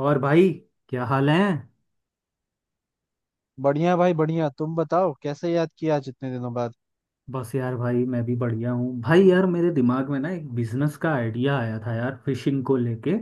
और भाई, क्या हाल है। बढ़िया भाई, बढ़िया। तुम बताओ, कैसे याद किया आज इतने दिनों बाद? बस यार भाई, मैं भी बढ़िया हूँ भाई। यार, मेरे दिमाग में ना एक बिजनेस का आइडिया आया था यार, फिशिंग को लेके।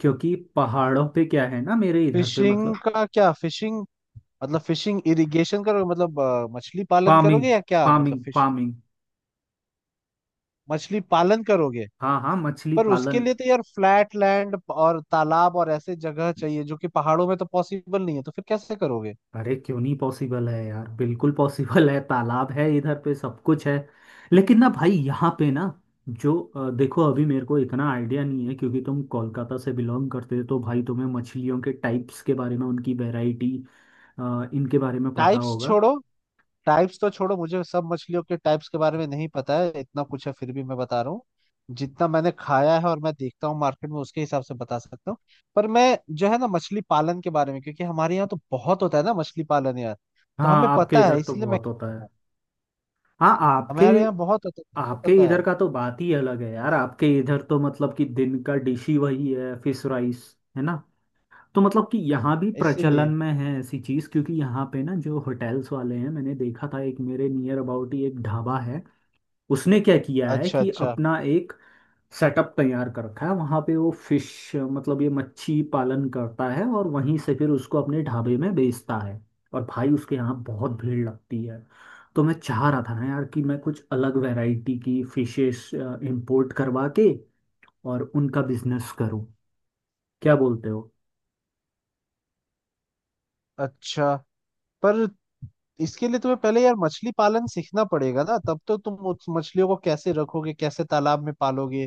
क्योंकि पहाड़ों पे क्या है ना, मेरे इधर पे, फिशिंग मतलब। का क्या? फिशिंग मतलब फिशिंग इरिगेशन करोगे? मतलब मछली पालन फार्मिंग। करोगे, या क्या मतलब फार्मिंग फिश? फार्मिंग। मछली पालन करोगे? हाँ हाँ, मछली पर उसके पालन। लिए तो यार फ्लैट लैंड और तालाब और ऐसे जगह चाहिए, जो कि पहाड़ों में तो पॉसिबल नहीं है। तो फिर कैसे करोगे? अरे क्यों नहीं पॉसिबल है यार, बिल्कुल पॉसिबल है। तालाब है इधर पे, सब कुछ है। लेकिन ना भाई, यहाँ पे ना, जो देखो, अभी मेरे को इतना आइडिया नहीं है, क्योंकि तुम कोलकाता से बिलोंग करते हो, तो भाई तुम्हें मछलियों के टाइप्स के बारे में, उनकी वैरायटी, हाँ, इनके बारे में पता टाइप्स होगा। छोड़ो। टाइप्स तो छोड़ो, मुझे सब मछलियों के टाइप्स के बारे में नहीं पता है। इतना कुछ है फिर भी मैं बता रहा हूँ। जितना मैंने खाया है और मैं देखता हूँ मार्केट में, उसके हिसाब से बता सकता हूँ। पर मैं जो है ना, मछली पालन के बारे में, क्योंकि हमारे यहाँ तो बहुत होता है ना मछली पालन यार। तो हाँ, हमें आपके पता है, इधर तो इसलिए मैं बहुत कह होता रहा है। हूँ। हाँ आपके हमारे यहाँ बहुत होता है। मुझे आपके पता इधर है, का तो बात ही अलग है यार, आपके इधर तो मतलब कि दिन का डिश ही वही है, फिश राइस, है ना। तो मतलब कि यहाँ भी प्रचलन इसीलिए। में है ऐसी चीज़, क्योंकि यहाँ पे ना जो होटल्स वाले हैं, मैंने देखा था, एक मेरे नियर अबाउट ही एक ढाबा है। उसने क्या किया है अच्छा, कि अच्छा अपना एक सेटअप तैयार कर रखा है वहां पे, वो फिश, मतलब ये मच्छी पालन करता है, और वहीं से फिर उसको अपने ढाबे में बेचता है। और भाई उसके यहाँ बहुत भीड़ लगती है। तो मैं चाह रहा था ना यार, कि मैं कुछ अलग वैरायटी की फिशेस इंपोर्ट करवा के और उनका बिजनेस करूं। क्या बोलते हो। अच्छा। पर इसके लिए तुम्हें पहले यार मछली पालन सीखना पड़ेगा ना, तब तो। तुम उस मछलियों को कैसे रखोगे, कैसे तालाब में पालोगे,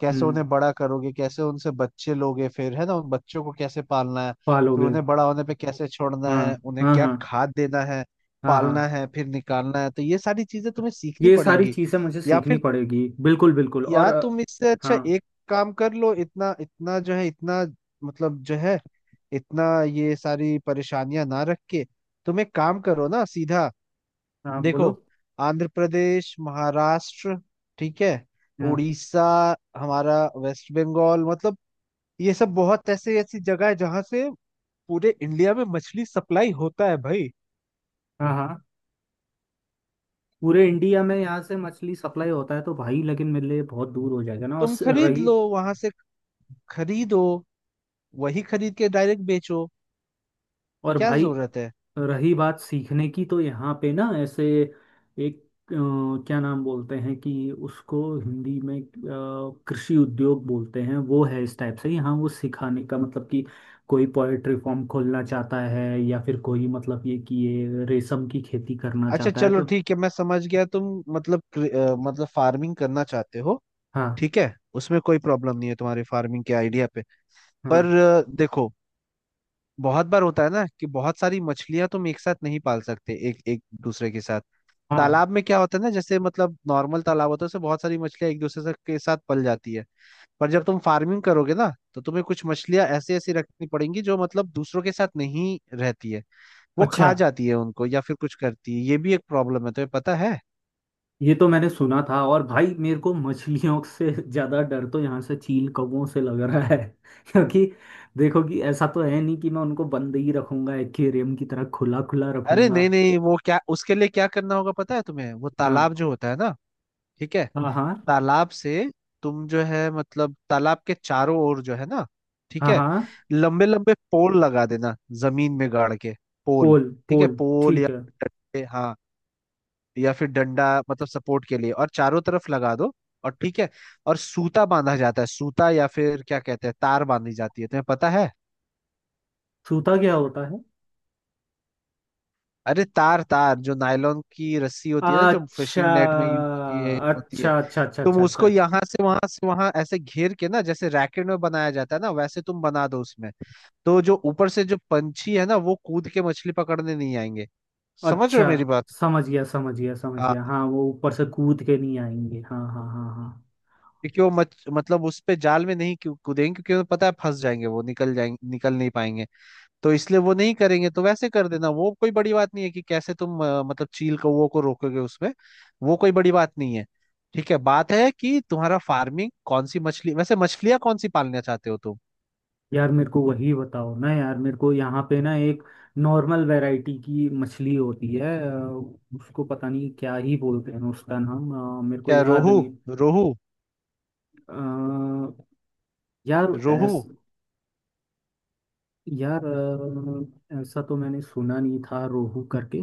कैसे उन्हें हम्म। बड़ा करोगे, कैसे उनसे बच्चे लोगे, फिर है ना उन बच्चों को कैसे पालना है, फिर पालोगे। उन्हें बड़ा होने पे कैसे छोड़ना हाँ, है, उन्हें हाँ, क्या हाँ, खाद देना है, हाँ, हाँ। पालना है फिर निकालना है। तो ये सारी चीजें तुम्हें सीखनी ये सारी पड़ेंगी। चीजें मुझे या सीखनी फिर, पड़ेगी, बिल्कुल बिल्कुल, और या तुम इससे अच्छा हाँ एक काम कर लो। इतना इतना जो है इतना मतलब जो है इतना ये सारी परेशानियां ना रख के, तुम एक काम करो ना सीधा। हाँ, देखो, बोलो। आंध्र प्रदेश, महाराष्ट्र, ठीक है, हाँ, उड़ीसा, हमारा वेस्ट बंगाल, मतलब ये सब बहुत ऐसे ऐसी जगह है जहां से पूरे इंडिया में मछली सप्लाई होता है भाई। हाँ, हाँ। पूरे इंडिया में यहाँ से मछली सप्लाई होता है तो भाई, लेकिन मेरे लिए बहुत दूर हो जाएगा ना, और तुम खरीद रही। लो वहां से। खरीदो। वही खरीद के डायरेक्ट बेचो। और क्या भाई, जरूरत है? रही बात सीखने की, तो यहाँ पे ना ऐसे एक अ, क्या नाम बोलते हैं, कि उसको हिंदी में कृषि उद्योग बोलते हैं। वो है इस टाइप से यहाँ, वो सिखाने का, मतलब कि कोई पोएट्री फॉर्म खोलना चाहता है, या फिर कोई, मतलब ये कि ये रेशम की खेती करना अच्छा चाहता है चलो तो। ठीक है, मैं समझ गया। तुम मतलब मतलब फार्मिंग करना चाहते हो। हाँ, ठीक है, उसमें कोई प्रॉब्लम नहीं है तुम्हारे फार्मिंग के आइडिया पे। हाँ, पर देखो, बहुत बार होता है ना कि बहुत सारी मछलियां तुम एक साथ नहीं पाल सकते एक एक दूसरे के साथ। हाँ। तालाब में क्या होता है ना, जैसे मतलब नॉर्मल तालाब होता है, उसमें बहुत सारी मछलियां एक दूसरे से के साथ पल जाती है। पर जब तुम फार्मिंग करोगे ना, तो तुम्हें कुछ मछलियां ऐसी ऐसी रखनी पड़ेंगी जो मतलब दूसरों के साथ नहीं रहती है। वो अच्छा, खा जाती है उनको या फिर कुछ करती है। ये भी एक प्रॉब्लम है, तुम्हें पता है? ये तो मैंने सुना था। और भाई, मेरे को मछलियों से ज्यादा डर तो यहाँ से चील कौवों से लग रहा है क्योंकि देखो, कि ऐसा तो है नहीं कि मैं उनको बंद ही रखूंगा, एक्वेरियम की तरह, खुला खुला अरे रखूंगा। नहीं नहीं, वो क्या उसके लिए क्या करना होगा पता है तुम्हें? वो तालाब हाँ, जो होता है ना, ठीक है, हाँ, हाँ, तालाब से, तुम जो है मतलब तालाब के चारों ओर जो है ना, ठीक हाँ, है, हाँ। लंबे लंबे पोल लगा देना, जमीन में गाड़ के। पोल, पोल ठीक है, पोल। पोल या ठीक है। डंडे, हाँ, या फिर डंडा मतलब सपोर्ट के लिए, और चारों तरफ लगा दो। और ठीक है, और सूता बांधा जाता है, सूता या फिर क्या कहते हैं, तार बांधी जाती है, तुम्हें पता है? सूता क्या होता है। अरे तार, तार जो नायलॉन की रस्सी होती है ना, जो अच्छा, फिशिंग नेट में यूज होती है होती है। अच्छा, अच्छा, अच्छा, तुम अच्छा, अच्छा, उसको यहाँ से वहां ऐसे घेर के ना, जैसे रैकेट में बनाया जाता है ना, वैसे तुम बना दो उसमें। तो जो ऊपर से जो पंछी है ना, वो कूद के मछली पकड़ने नहीं आएंगे। समझ रहे अच्छा, हो मेरी बात? समझ गया, समझ गया, समझ हाँ। गया। हाँ, वो ऊपर से कूद के नहीं आएंगे, हाँ, हाँ, हाँ, हाँ। क्योंकि वो मतलब उस पे जाल में नहीं क्यों कूदेंगे, क्योंकि उन्हें पता है फंस जाएंगे, वो निकल जाएंगे, निकल नहीं पाएंगे। तो इसलिए वो नहीं करेंगे। तो वैसे कर देना, वो कोई बड़ी बात नहीं है कि कैसे तुम मतलब चील कौओं को रोकोगे उसमें। वो कोई बड़ी बात नहीं है। ठीक है, बात है कि तुम्हारा फार्मिंग कौन सी मछली, वैसे मछलियाँ कौन सी पालना चाहते हो तुम? यार मेरे को वही बताओ ना, यार मेरे को यहाँ पे ना एक नॉर्मल वैरायटी की मछली होती है उसको पता नहीं क्या ही बोलते हैं उसका नाम, मेरे को क्या, याद रोहू? नहीं। रोहू? अ, यार रोहू? ऐस, यार ऐसा तो मैंने सुना नहीं था रोहू करके।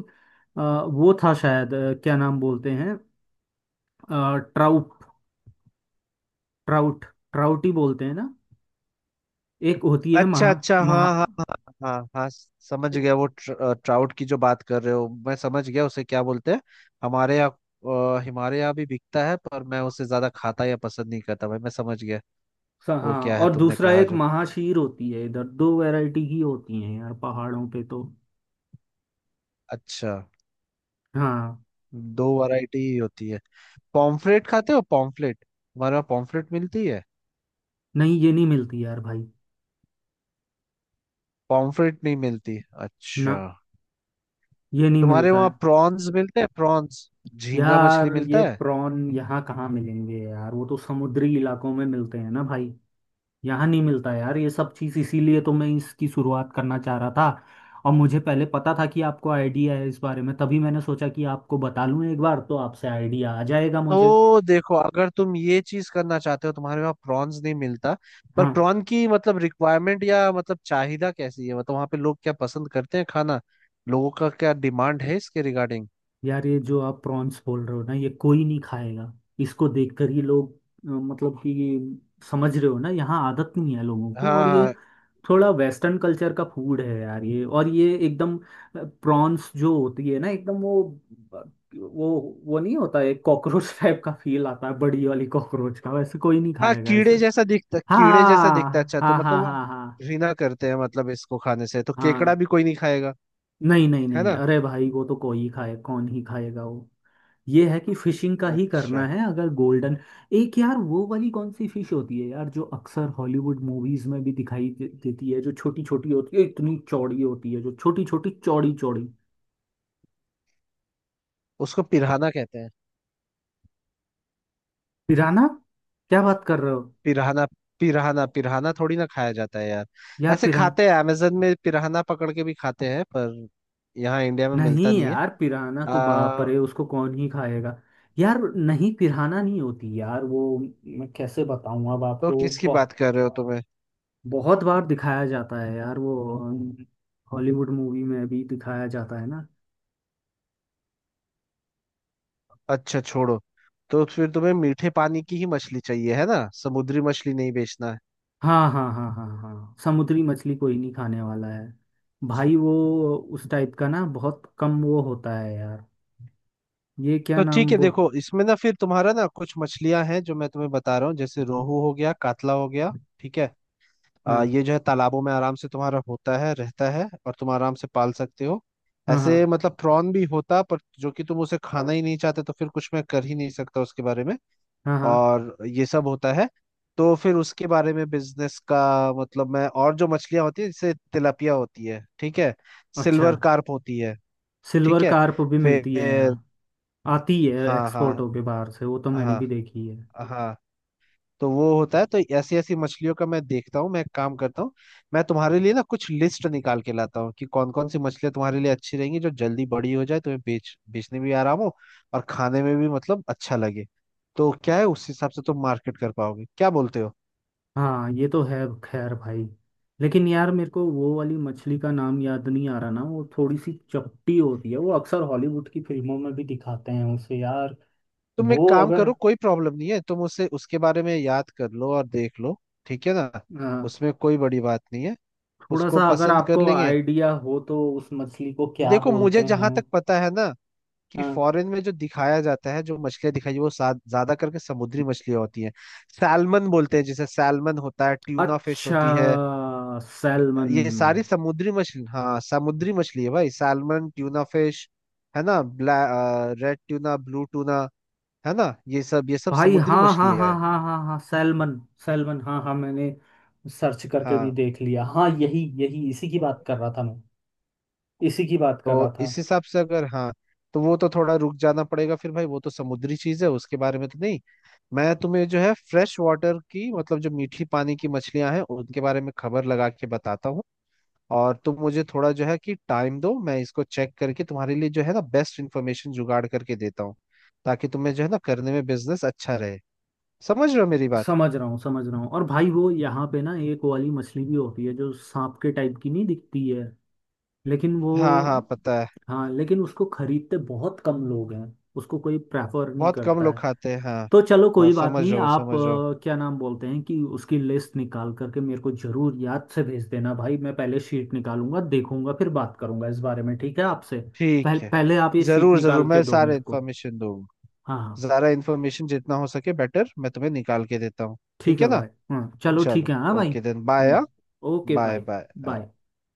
वो था शायद, क्या नाम बोलते हैं, ट्राउट, ट्राउट, ट्राउट ही बोलते हैं ना। एक होती है अच्छा महा अच्छा, महा हाँ हाँ हाँ हाँ हाँ, समझ गया। वो ट्राउट की जो बात कर रहे हो, मैं समझ गया। उसे क्या बोलते हैं हमारे यहाँ। हमारे यहाँ भी बिकता है पर मैं उसे ज्यादा खाता या पसंद नहीं करता भाई। मैं समझ गया। वो हाँ, क्या है और तुमने दूसरा कहा एक जो? महाशीर होती है इधर। दो वैरायटी ही होती है यार पहाड़ों पे तो। अच्छा, हाँ। दो वैरायटी ही होती है। पॉम्फ्रेट खाते हो, पॉम्फ्रेट? हमारे वहाँ पॉम्फ्रेट मिलती है। नहीं, ये नहीं मिलती यार भाई। पॉम्फ्रेट नहीं मिलती? अच्छा। ना, ये नहीं तुम्हारे मिलता है। वहाँ प्रॉन्स मिलते हैं, प्रॉन्स? झींगा मछली यार ये मिलता है? प्रॉन यहाँ कहाँ मिलेंगे यार, वो तो समुद्री इलाकों में मिलते हैं ना भाई। यहाँ नहीं मिलता यार ये सब चीज़, इसीलिए तो मैं इसकी शुरुआत करना चाह रहा था। और मुझे पहले पता था कि आपको आइडिया है इस बारे में, तभी मैंने सोचा कि आपको बता लूँ एक बार, तो आपसे आइडिया आ जाएगा मुझे। तो देखो अगर तुम ये चीज करना चाहते हो, तुम्हारे वहाँ प्रॉन्स नहीं मिलता, पर हाँ। प्रॉन की मतलब रिक्वायरमेंट या मतलब चाহিदा कैसी है, मतलब वहाँ पे लोग क्या पसंद करते हैं खाना, लोगों का क्या डिमांड है इसके रिगार्डिंग? यार ये जो आप प्रॉन्स बोल रहे हो ना, ये कोई नहीं खाएगा। इसको देखकर ही लोग, मतलब कि, समझ रहे हो ना, यहाँ आदत नहीं है लोगों को, और हाँ ये हाँ, थोड़ा वेस्टर्न कल्चर का फूड है यार ये, और ये एकदम, प्रॉन्स जो होती है ना, एकदम वो वो नहीं होता है, कॉकरोच टाइप का फील आता है, बड़ी वाली कॉकरोच का। वैसे कोई नहीं हाँ खाएगा इसे। कीड़े जैसा दिखता, कीड़े जैसा दिखता है, हाँ, अच्छा तो हाँ, मतलब हाँ, वो हाँ, हाँ, घृणा करते हैं मतलब इसको खाने से। तो केकड़ा हाँ, भी कोई नहीं खाएगा, नहीं, नहीं, है नहीं, ना? अरे भाई वो तो कोई ही खाए, कौन ही खाएगा वो। ये है कि फिशिंग का ही करना अच्छा, है अगर, गोल्डन, एक यार वो वाली कौन सी फिश होती है यार, जो अक्सर हॉलीवुड मूवीज में भी दिखाई देती है, जो छोटी छोटी होती है, इतनी चौड़ी होती है, जो छोटी छोटी चौड़ी चौड़ी। उसको पिराना कहते हैं। पिराना, क्या बात कर रहे हो। पिराहना, पिराहना। पिराहना थोड़ी ना खाया जाता है यार। यार ऐसे पिरा, खाते हैं, अमेजन में पिराहना पकड़ के भी खाते हैं, पर यहाँ इंडिया में नहीं मिलता नहीं है। यार, पिराना तो बाप आ, रे, उसको कौन ही खाएगा। यार नहीं, पिराना नहीं होती यार वो। मैं कैसे बताऊं अब तो आपको, वो किसकी बहुत बात कर रहे हो तुम्हें? बहुत बार दिखाया जाता है यार वो, हॉलीवुड मूवी में भी दिखाया जाता है ना। अच्छा छोड़ो। तो फिर तुम्हें मीठे पानी की ही मछली चाहिए, है ना? समुद्री मछली नहीं बेचना है? हाँ, हाँ, हाँ, हाँ, हाँ, समुद्री मछली कोई नहीं खाने वाला है भाई वो, उस टाइप का ना बहुत कम वो होता है यार। ये क्या तो ठीक नाम है वो। देखो, इसमें ना फिर तुम्हारा ना कुछ मछलियां हैं जो मैं तुम्हें बता रहा हूँ, जैसे रोहू हो गया, कातला हो गया, ठीक है। हाँ, ये जो है तालाबों में आराम से तुम्हारा होता है रहता है, और तुम आराम से पाल सकते हो। हाँ, ऐसे हाँ, मतलब प्रॉन भी होता पर जो कि तुम उसे खाना ही नहीं चाहते, तो फिर कुछ मैं कर ही नहीं सकता उसके बारे में। हाँ, हाँ। और ये सब होता है, तो फिर उसके बारे में बिजनेस का मतलब मैं। और जो मछलियां होती है जैसे तिलापिया होती है, ठीक है, अच्छा, सिल्वर कार्प होती है, सिल्वर ठीक है, कार्प भी मिलती है फिर। यहाँ, आती है हाँ एक्सपोर्ट हाँ होके बाहर से, वो तो मैंने हाँ भी देखी है। हाँ, तो वो होता है। तो ऐसी ऐसी मछलियों का मैं देखता हूँ, मैं एक काम करता हूँ, मैं तुम्हारे लिए ना कुछ लिस्ट निकाल के लाता हूँ कि कौन कौन सी मछलियाँ तुम्हारे लिए अच्छी रहेंगी, जो जल्दी बड़ी हो जाए, तुम्हें बेच बेचने में भी आराम हो, और खाने में भी मतलब अच्छा लगे। तो क्या है, उस हिसाब से तुम मार्केट कर पाओगे, क्या बोलते हो? हाँ, ये तो है। खैर भाई, लेकिन यार मेरे को वो वाली मछली का नाम याद नहीं आ रहा ना, वो थोड़ी सी चपटी होती है, वो अक्सर हॉलीवुड की फिल्मों में भी दिखाते हैं उसे यार। तुम एक वो काम अगर, करो, कोई प्रॉब्लम नहीं है, तुम उसे, उसके बारे में याद कर लो और देख लो, ठीक है ना? हाँ, उसमें कोई बड़ी बात नहीं है, थोड़ा उसको सा अगर पसंद कर आपको लेंगे। आइडिया हो तो, उस मछली को क्या देखो बोलते मुझे जहां हैं। तक पता है ना, कि हाँ। फॉरेन में जो दिखाया जाता है, जो मछलियां दिखाई वो ज्यादा करके समुद्री मछलियां होती हैं। सैलमन बोलते हैं जिसे, सैलमन होता है, ट्यूना फिश अच्छा, होती है। सैलमन। ये सारी समुद्री मछली, हाँ समुद्री मछली है भाई, सैलमन, ट्यूना फिश, है ना, ब्लै रेड ट्यूना, ब्लू ट्यूना, है ना, ये सब, ये सब भाई, समुद्री हाँ, हाँ, मछलियां हाँ, है। हाँ, हाँ, हाँ, सैलमन, सैलमन, हाँ हाँ, मैंने सर्च करके भी हाँ, देख लिया, हाँ, यही यही, इसी की बात कर रहा था मैं, इसी की बात कर रहा तो था। इस हिसाब से अगर, हाँ, तो वो तो थोड़ा रुक जाना पड़ेगा फिर भाई, वो तो समुद्री चीज है, उसके बारे में तो नहीं। मैं तुम्हें जो है फ्रेश वाटर की मतलब जो मीठी पानी की मछलियां हैं, उनके बारे में खबर लगा के बताता हूँ। और तुम मुझे थोड़ा जो है कि टाइम दो, मैं इसको चेक करके तुम्हारे लिए जो है ना बेस्ट इन्फॉर्मेशन जुगाड़ करके देता हूँ, ताकि तुम्हें जो है ना करने में बिजनेस अच्छा रहे। समझ रहे हो मेरी बात? समझ रहा हूँ, समझ रहा हूँ। और भाई, वो यहाँ पे ना एक वाली मछली भी होती है जो सांप के टाइप की नहीं दिखती है, लेकिन वो, हाँ हाँ, पता है, हाँ, लेकिन उसको खरीदते बहुत कम लोग हैं, उसको कोई प्रेफर नहीं बहुत कम करता लोग है। खाते हैं हाँ। तो चलो हाँ कोई बात समझ नहीं, रहा हूँ, आप समझ रहा हूँ। क्या नाम बोलते हैं, कि उसकी लिस्ट निकाल करके मेरे को जरूर याद से भेज देना भाई। मैं पहले शीट निकालूंगा, देखूंगा, फिर बात करूंगा इस बारे में, ठीक है आपसे। ठीक पहले है, पहले आप ये शीट जरूर जरूर, निकाल के मैं दो सारे मेरे को। इन्फॉर्मेशन दूंगा। हाँ, हाँ, ज़्यादा इन्फॉर्मेशन जितना हो सके बेटर, मैं तुम्हें निकाल के देता हूँ। ठीक ठीक है है ना? भाई, हाँ, चलो ठीक चलो, है, हाँ भाई, okay then, bye. Hmm. Okay, bye bye. Bye. Bye.